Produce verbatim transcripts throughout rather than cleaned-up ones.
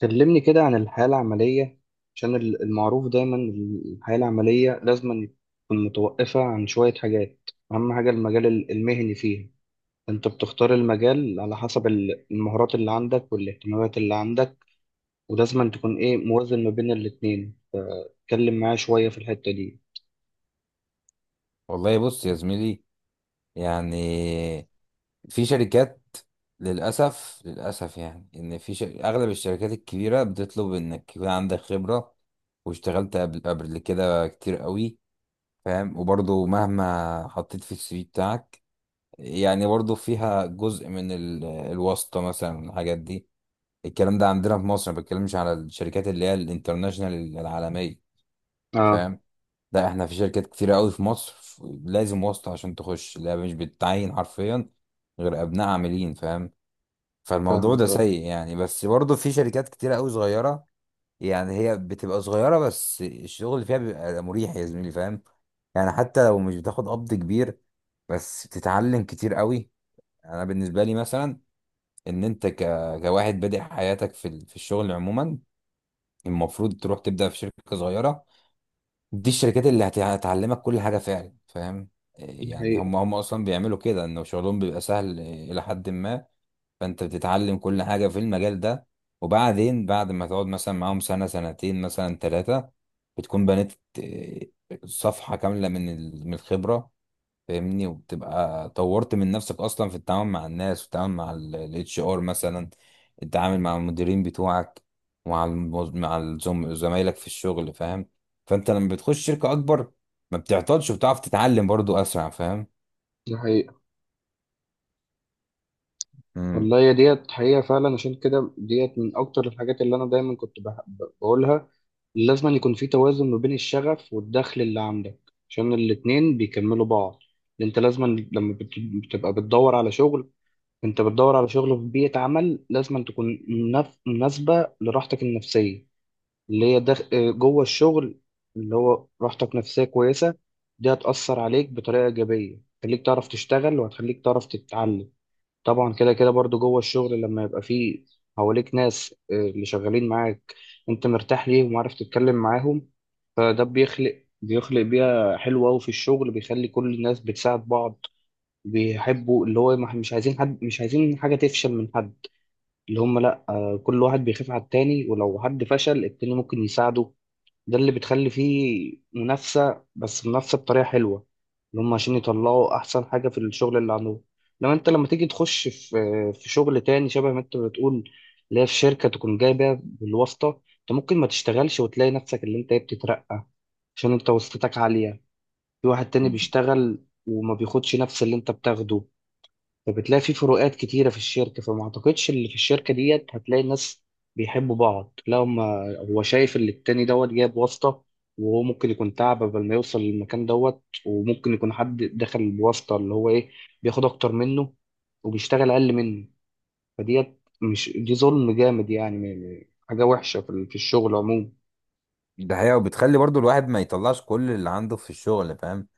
كلمني كده عن الحياة العملية. عشان ال- المعروف دايما ال- الحياة العملية لازم تكون متوقفة عن شوية حاجات. أهم حاجة المجال ال- المهني فيها، أنت بتختار المجال على حسب ال- المهارات اللي عندك والاهتمامات اللي عندك، ولازم تكون إيه موازن ما بين الاتنين. فتكلم معايا شوية في الحتة دي. والله بص يا زميلي. يعني في شركات، للأسف للأسف، يعني إن في شر... أغلب الشركات الكبيرة بتطلب إنك يكون عندك خبرة واشتغلت قبل قبل كده كتير قوي، فاهم؟ وبرضه مهما حطيت في السي في بتاعك، يعني برضه فيها جزء من ال... الواسطة مثلا، الحاجات دي. الكلام ده عندنا في مصر، ما بتكلمش على الشركات اللي هي الانترناشنال العالمية، آه. فاهم؟ ده احنا في شركات كتيرة قوي في مصر ف- لازم واسطة عشان تخش، لا مش بتعين حرفيا غير ابناء عاملين، فاهم؟ فالموضوع ده فاهمك، آه. سيء يعني، بس برضه في شركات كتيرة قوي صغيرة. يعني هي بتبقى صغيرة بس الشغل اللي فيها بيبقى مريح يا زميلي، فاهم؟ يعني حتى لو مش بتاخد قبض كبير، بس بتتعلم كتير قوي. انا بالنسبة لي مثلا، ان انت ك... كواحد بادئ حياتك في ال- في الشغل عموما، المفروض تروح تبدأ في شركة صغيرة. دي الشركات اللي هت- هتعلمك كل حاجة فعلا، فاهم؟ إيه دي يعني، حقيقة. هم هم أصلا بيعملوا كده، إنه شغلهم بيبقى سهل إيه، إلى حد ما. فأنت بتتعلم كل حاجة في المجال ده، وبعدين بعد ما تقعد مثلا معاهم سنة سنتين مثلا ثلاثة، بتكون بنيت إيه، صفحة كاملة من ال- من الخبرة، فاهمني؟ وبتبقى طورت من نفسك اصلا في التعامل مع الناس، والتعامل مع الاتش ار مثلا، التعامل مع المديرين بتوعك، ومع الموز... مع الزم... زمايلك في الشغل، فاهم؟ فانت لما بتخش شركة اكبر، ما بتعطلش وبتعرف تتعلم برضو اسرع، فاهم؟ دي حقيقة. امم والله يا ديت حقيقة فعلا. عشان كده ديت من أكتر الحاجات اللي أنا دايما كنت بح- بقولها، لازم أن يكون في توازن ما بين الشغف والدخل اللي عندك، عشان الاتنين بيكملوا بعض. انت لازم أن لما بت- بتبقى بتدور على شغل، انت بتدور على شغل في بيئة عمل لازم أن تكون منف- مناسبة لراحتك النفسية، اللي هي دخ... آه، جوه الشغل، اللي هو راحتك نفسية كويسة. دي هتأثر عليك بطريقة إيجابية، هتخليك تعرف تشتغل وهتخليك تعرف تتعلم. طبعا كده كده برضو جوه الشغل لما يبقى فيه حواليك ناس آه، اللي شغالين معاك، انت مرتاح ليهم وعارف تتكلم معاهم. فده بيخلق بيخلق بيئة حلوة أوي في الشغل، بيخلي كل الناس بتساعد بعض، بيحبوا اللي هو مح- مش عايزين حد، مش عايزين حاجة تفشل من حد. اللي هم لأ، آه، كل واحد بيخاف على التاني، ولو حد فشل التاني ممكن يساعده. ده اللي بتخلي فيه منافسة، بس منافسة بطريقة حلوة، اللي هم عشان يطلعوا أحسن حاجة في الشغل اللي عندهم. لما أنت لما تيجي تخش في في شغل تاني شبه ما أنت بتقول، اللي هي في شركة تكون جايبة بالواسطة، أنت ممكن ما تشتغلش وتلاقي نفسك اللي أنت إيه بتترقى عشان أنت واسطتك عالية، في واحد تاني بيشتغل وما بياخدش نفس اللي أنت بتاخده. فبتلاقي في فروقات كتيرة في الشركة، فما أعتقدش اللي في الشركة ديت هتلاقي الناس بيحبوا بعض. لا، هما- هو شايف اللي التاني دوت جايب واسطة، وهو ممكن يكون تعب قبل ما يوصل للمكان دوت، وممكن يكون حد دخل بواسطة اللي هو إيه بياخد أكتر منه وبيشتغل أقل منه. فديت مش دي ظلم جامد يعني، م- م- حاجة وحشة في ال- في الشغل عموما. ده حقيقة، وبتخلي برضو الواحد ما يطلعش كل اللي عنده في الشغل، فاهم؟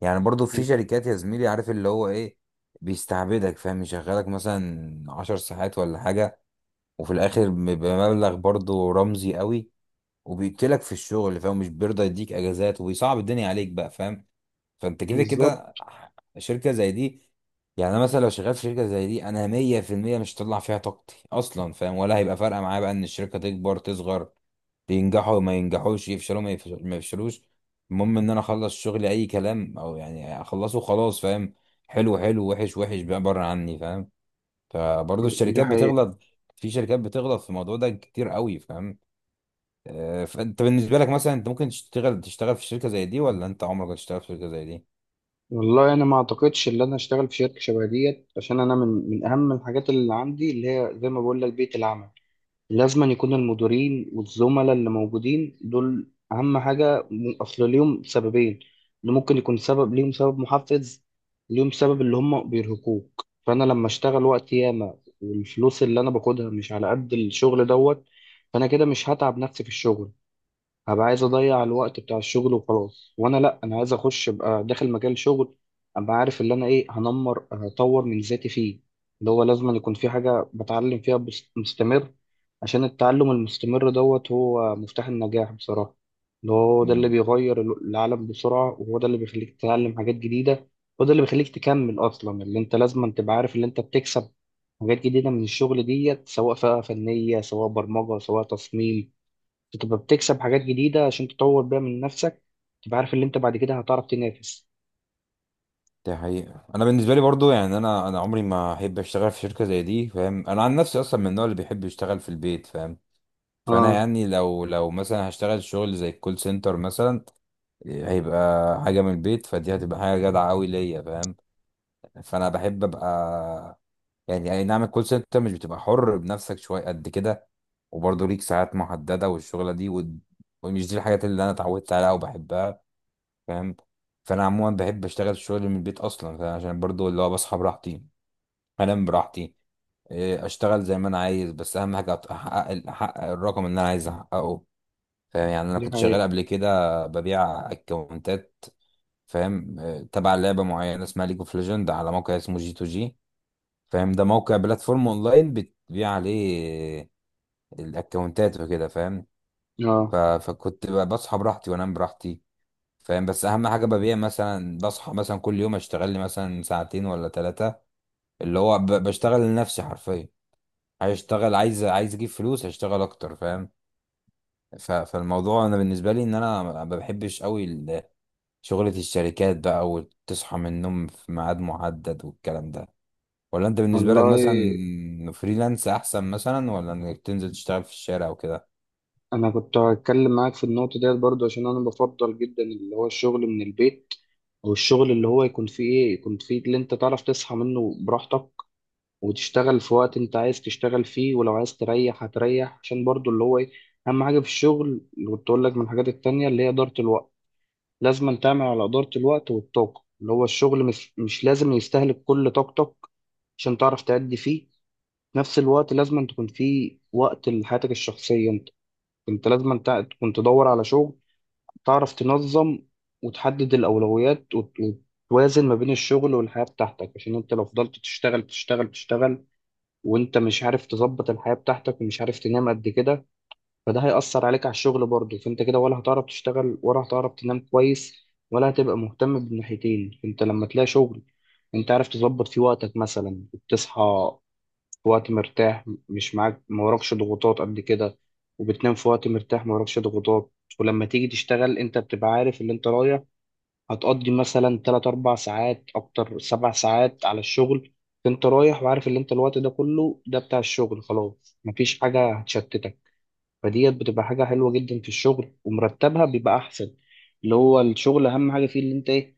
يعني برضو في شركات يا زميلي، عارف اللي هو ايه، بيستعبدك، فاهم؟ يشغلك مثلا عشر ساعات ولا حاجة، وفي الآخر بمبلغ برضو رمزي قوي، وبيقتلك في الشغل، فاهم؟ مش بيرضى يديك اجازات، وبيصعب الدنيا عليك بقى، فاهم؟ فانت كده بالظبط. كده، شركه زي دي، يعني انا مثلا لو شغال في شركه زي دي انا مية في المية مش هطلع فيها طاقتي اصلا، فاهم؟ ولا هيبقى فارقه معايا بقى ان الشركه تكبر تصغر، ينجحوا ما ينجحوش، يفشلوا ما يفش- ما يفشلوش. المهم ان انا اخلص شغلي اي كلام، او يعني اخلصه خلاص، فاهم؟ حلو حلو، وحش وحش، بقى بره عني، فاهم؟ فبرضه دي الشركات حقيقة. بتغلط، في شركات بتغلط في الموضوع ده كتير قوي، فاهم؟ آه، فانت بالنسبه لك مثلا، انت ممكن تشتغل تشتغل في شركه زي دي؟ ولا انت عمرك هتشتغل في شركه زي دي؟ والله انا ما اعتقدش ان انا اشتغل في شركه شبه ديت. عشان انا من من اهم الحاجات اللي عندي، اللي هي زي ما بقول لك، بيئه العمل. لازم أن يكون المديرين والزملاء اللي موجودين دول اهم حاجه، م- اصل ليهم سببين، اللي ممكن يكون سبب ليهم سبب محفز، ليهم سبب اللي هم بيرهقوك. فانا لما اشتغل وقت ياما والفلوس اللي انا باخدها مش على قد الشغل دوت، فانا كده مش هتعب نفسي في الشغل، هبقى عايز اضيع الوقت بتاع الشغل وخلاص. وانا لا، انا عايز اخش ابقى داخل مجال شغل، ابقى عارف اللي انا ايه هنمر هطور من ذاتي فيه، اللي هو لازم أن يكون في حاجة بتعلم فيها بس- مستمر. عشان التعلم المستمر دوت هو مفتاح النجاح بصراحة. اللي هو ده اللي مم. بيغير ال- العالم بسرعة، وهو ده اللي بيخليك تتعلم حاجات جديدة، هو ده اللي بيخليك تكمل أصلا. اللي أنت لازم أن تبقى عارف اللي أنت بتكسب حاجات جديدة من الشغل ديت، سواء فئة فنية سواء برمجة سواء تصميم، تبقى بتكسب حاجات جديدة عشان تطور بيها من نفسك، تبقى عارف اللي انت بعد كده هتعرف تنافس. دي حقيقة. أنا بالنسبة لي برضو يعني، أنا أنا عمري ما أحب أشتغل في شركة زي دي، فاهم؟ أنا عن نفسي أصلا من النوع اللي بيحب يشتغل في البيت، فاهم؟ فأنا اه. يعني، لو لو مثلا هشتغل شغل زي الكول سنتر مثلا، هيبقى حاجة من البيت، فدي هتبقى حاجة جدعة أوي ليا، فاهم؟ فأنا بحب أبقى، يعني اي نعم، الكول سنتر مش بتبقى حر بنفسك شويه قد كده، وبرضه ليك ساعات محدده والشغله دي و... ومش دي الحاجات اللي انا اتعودت عليها وبحبها، فاهم؟ فانا عموما بحب اشتغل الشغل من البيت اصلا، فعشان برضه اللي هو بصحى براحتي، انام براحتي، إيه، اشتغل زي ما انا عايز، بس اهم حاجه أت- احقق احقق الرقم اللي انا عايز احققه، فاهم؟ يعني انا دي كنت شغال حقيقة. قبل كده ببيع اكونتات، فاهم؟ إيه، تبع لعبه معينه اسمها ليج اوف ليجند، على موقع اسمه جي تو جي، فاهم؟ ده موقع بلاتفورم اونلاين بتبيع عليه الاكونتات وكده، فاهم؟ اه. ف... فكنت ب- بصحى براحتي وانام براحتي، فاهم؟ بس اهم حاجه ببيع، مثلا بصحى مثلا كل يوم اشتغل لي مثلا ساعتين ولا ثلاثه، اللي هو ب... بشتغل لنفسي حرفيا. عايز اشتغل، عايز عايز اجيب فلوس هشتغل اكتر، فاهم؟ ف... فالموضوع انا بالنسبه لي ان انا ما بحبش قوي ال- شغله الشركات بقى، وتصحى من النوم في ميعاد محدد والكلام ده. ولا انت بالنسبة لك والله مثلا فريلانس احسن؟ مثلا ولا انك تنزل تشتغل في الشارع وكده؟ انا كنت هتكلم معاك في النقطة ديت برضو، عشان انا بفضل جدا اللي هو الشغل من البيت، او الشغل اللي هو يكون فيه ايه، يكون فيه اللي انت تعرف تصحى منه براحتك وتشتغل في وقت انت عايز تشتغل فيه، ولو عايز تريح هتريح. عشان برضو اللي هو ايه، اهم حاجة في الشغل اللي كنت اقول لك من الحاجات التانية اللي هي إدارة الوقت. لازم تعمل على إدارة الوقت والطاقة، اللي هو الشغل مش, مش لازم يستهلك كل طاقتك عشان تعرف تأدي فيه. في نفس الوقت لازم تكون فيه وقت لحياتك الشخصية انت. انت لازم تع- تكون تدور على شغل تعرف تنظم وتحدد الأولويات وت- وتوازن ما بين الشغل والحياة بتاعتك. عشان انت لو فضلت تشتغل تشتغل تشتغل وانت مش عارف تظبط الحياة بتاعتك ومش عارف تنام قد كده، فده هيأثر عليك على الشغل برضه. فانت كده ولا هتعرف تشتغل ولا هتعرف تنام كويس ولا هتبقى مهتم بالناحيتين. انت لما تلاقي شغل انت عارف تظبط فيه وقتك، مثلا بتصحى في وقت مرتاح مش معاك، ما وراكش ضغوطات قبل كده، وبتنام في وقت مرتاح، ما وراكش ضغوطات، ولما تيجي تشتغل انت بتبقى عارف اللي انت رايح هتقضي مثلا ثلاثة أربع ساعات اكتر سبع ساعات على الشغل. فانت رايح وعارف اللي انت الوقت ده كله ده بتاع الشغل، خلاص مفيش حاجة هتشتتك. فديت بتبقى حاجة حلوة جدا في الشغل، ومرتبها بيبقى أحسن. اللي هو الشغل أهم حاجة فيه اللي أنت إيه،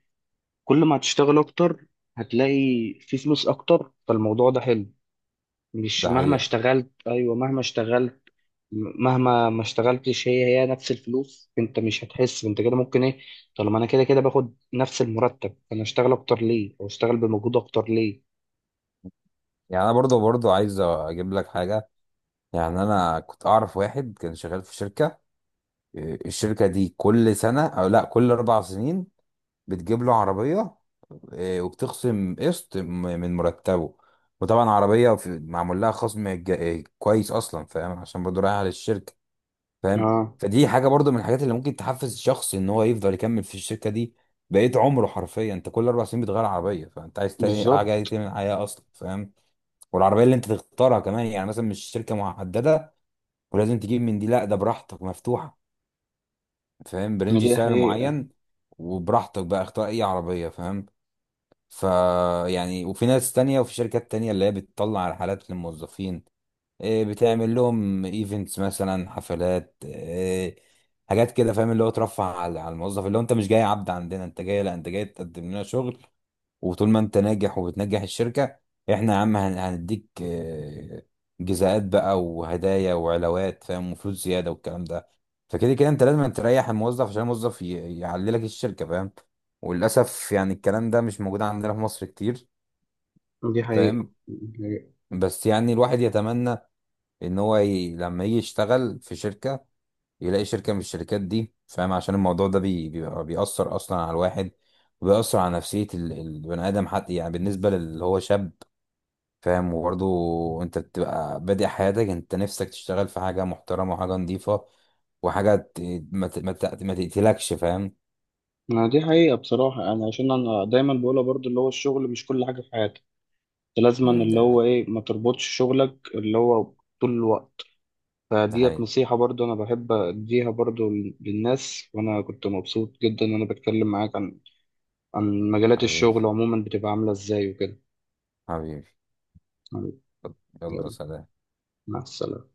كل ما هتشتغل أكتر هتلاقي فيه فلوس أكتر. فالموضوع ده حلو. مش ده مهما حقيقة. اشتغلت، أيوة مهما اشتغلت، م- مهما ما اشتغلتش هي هي نفس الفلوس، أنت مش هتحس. أنت كده ممكن إيه، طالما أنا كده كده باخد نفس المرتب، أنا أشتغل أكتر ليه أو أشتغل بمجهود أكتر ليه؟ يعني انا برضو برضو عايز اجيب لك حاجة. يعني انا كنت اعرف واحد كان شغال في شركة، إيه، الشركة دي كل سنة او لا كل اربع سنين بتجيب له عربية، إيه، وبتخصم قسط م- من مرتبه، وطبعا عربية في- معمول لها خصم ج- إيه، كويس اصلا، فاهم؟ عشان برضو رايحة للشركة، فاهم؟ آه. فدي حاجه برضو من الحاجات اللي ممكن تحفز الشخص ان هو يفضل يكمل في الشركه دي. بقيت عمره حرفيا انت كل اربع سنين بتغير عربيه، فانت عايز تاني حاجه، عايز بالظبط. تعمل حياه اصلا، فاهم؟ والعربيه اللي انت تختارها كمان، يعني مثلا مش شركه محدده ولازم تجيب من دي، لا ده براحتك مفتوحه، فاهم؟ برنج دي سعر حقيقة. معين، وبراحتك بقى اختار اي عربيه، فاهم؟ ف يعني وفي ناس تانية وفي شركات تانية اللي هي بتطلع رحلات للموظفين، إيه، بتعمل لهم ايفنتس مثلا، حفلات، إيه، حاجات كده، فاهم؟ اللي هو ترفع على على الموظف، اللي هو انت مش جاي عبد عندنا، انت جاي، لا انت جاي تقدم لنا شغل، وطول ما انت ناجح وبتنجح الشركة، احنا يا عم هن- هنديك إيه، جزاءات بقى وهدايا وعلاوات، فاهم؟ وفلوس زيادة والكلام ده. فكده كده انت لازم تريح الموظف عشان الموظف ي- يعلي لك الشركة، فاهم؟ وللأسف يعني الكلام ده مش موجود عندنا في مصر كتير، دي حقيقة. فاهم؟ بس يعني الواحد يتمنى ان هو ي... لما يجي يشتغل في شركة، يلاقي شركة من الشركات دي، فاهم؟ عشان الموضوع ده بي... بيبقى بيأثر اصلا على الواحد، وبيأثر على نفسية ال- البني ادم حتى، يعني بالنسبة للي هو شاب، فاهم؟ وبرضه انت بتبقى بادئ حياتك، انت نفسك تشتغل في حاجة محترمة وحاجة نظيفة، وحاجة ت... ما ت... ما ت... ما تقتلكش، فاهم؟ ما دي حقيقة بصراحة. أنا عشان أنا دايما بقولها برضو، اللي هو الشغل مش كل حاجة في حياتك، أنت لازما مم، اللي ده هو حقيقي. إيه ما تربطش شغلك اللي هو طول الوقت. ده فديت حقيقي. نصيحة برضو أنا بحب أديها برضو للناس. وأنا كنت مبسوط جدا إن أنا بتكلم معاك عن عن مجالات حبيبي، الشغل عموما، بتبقى عاملة إزاي وكده. حبيبي، يلا يلا، سلام. مع السلامة.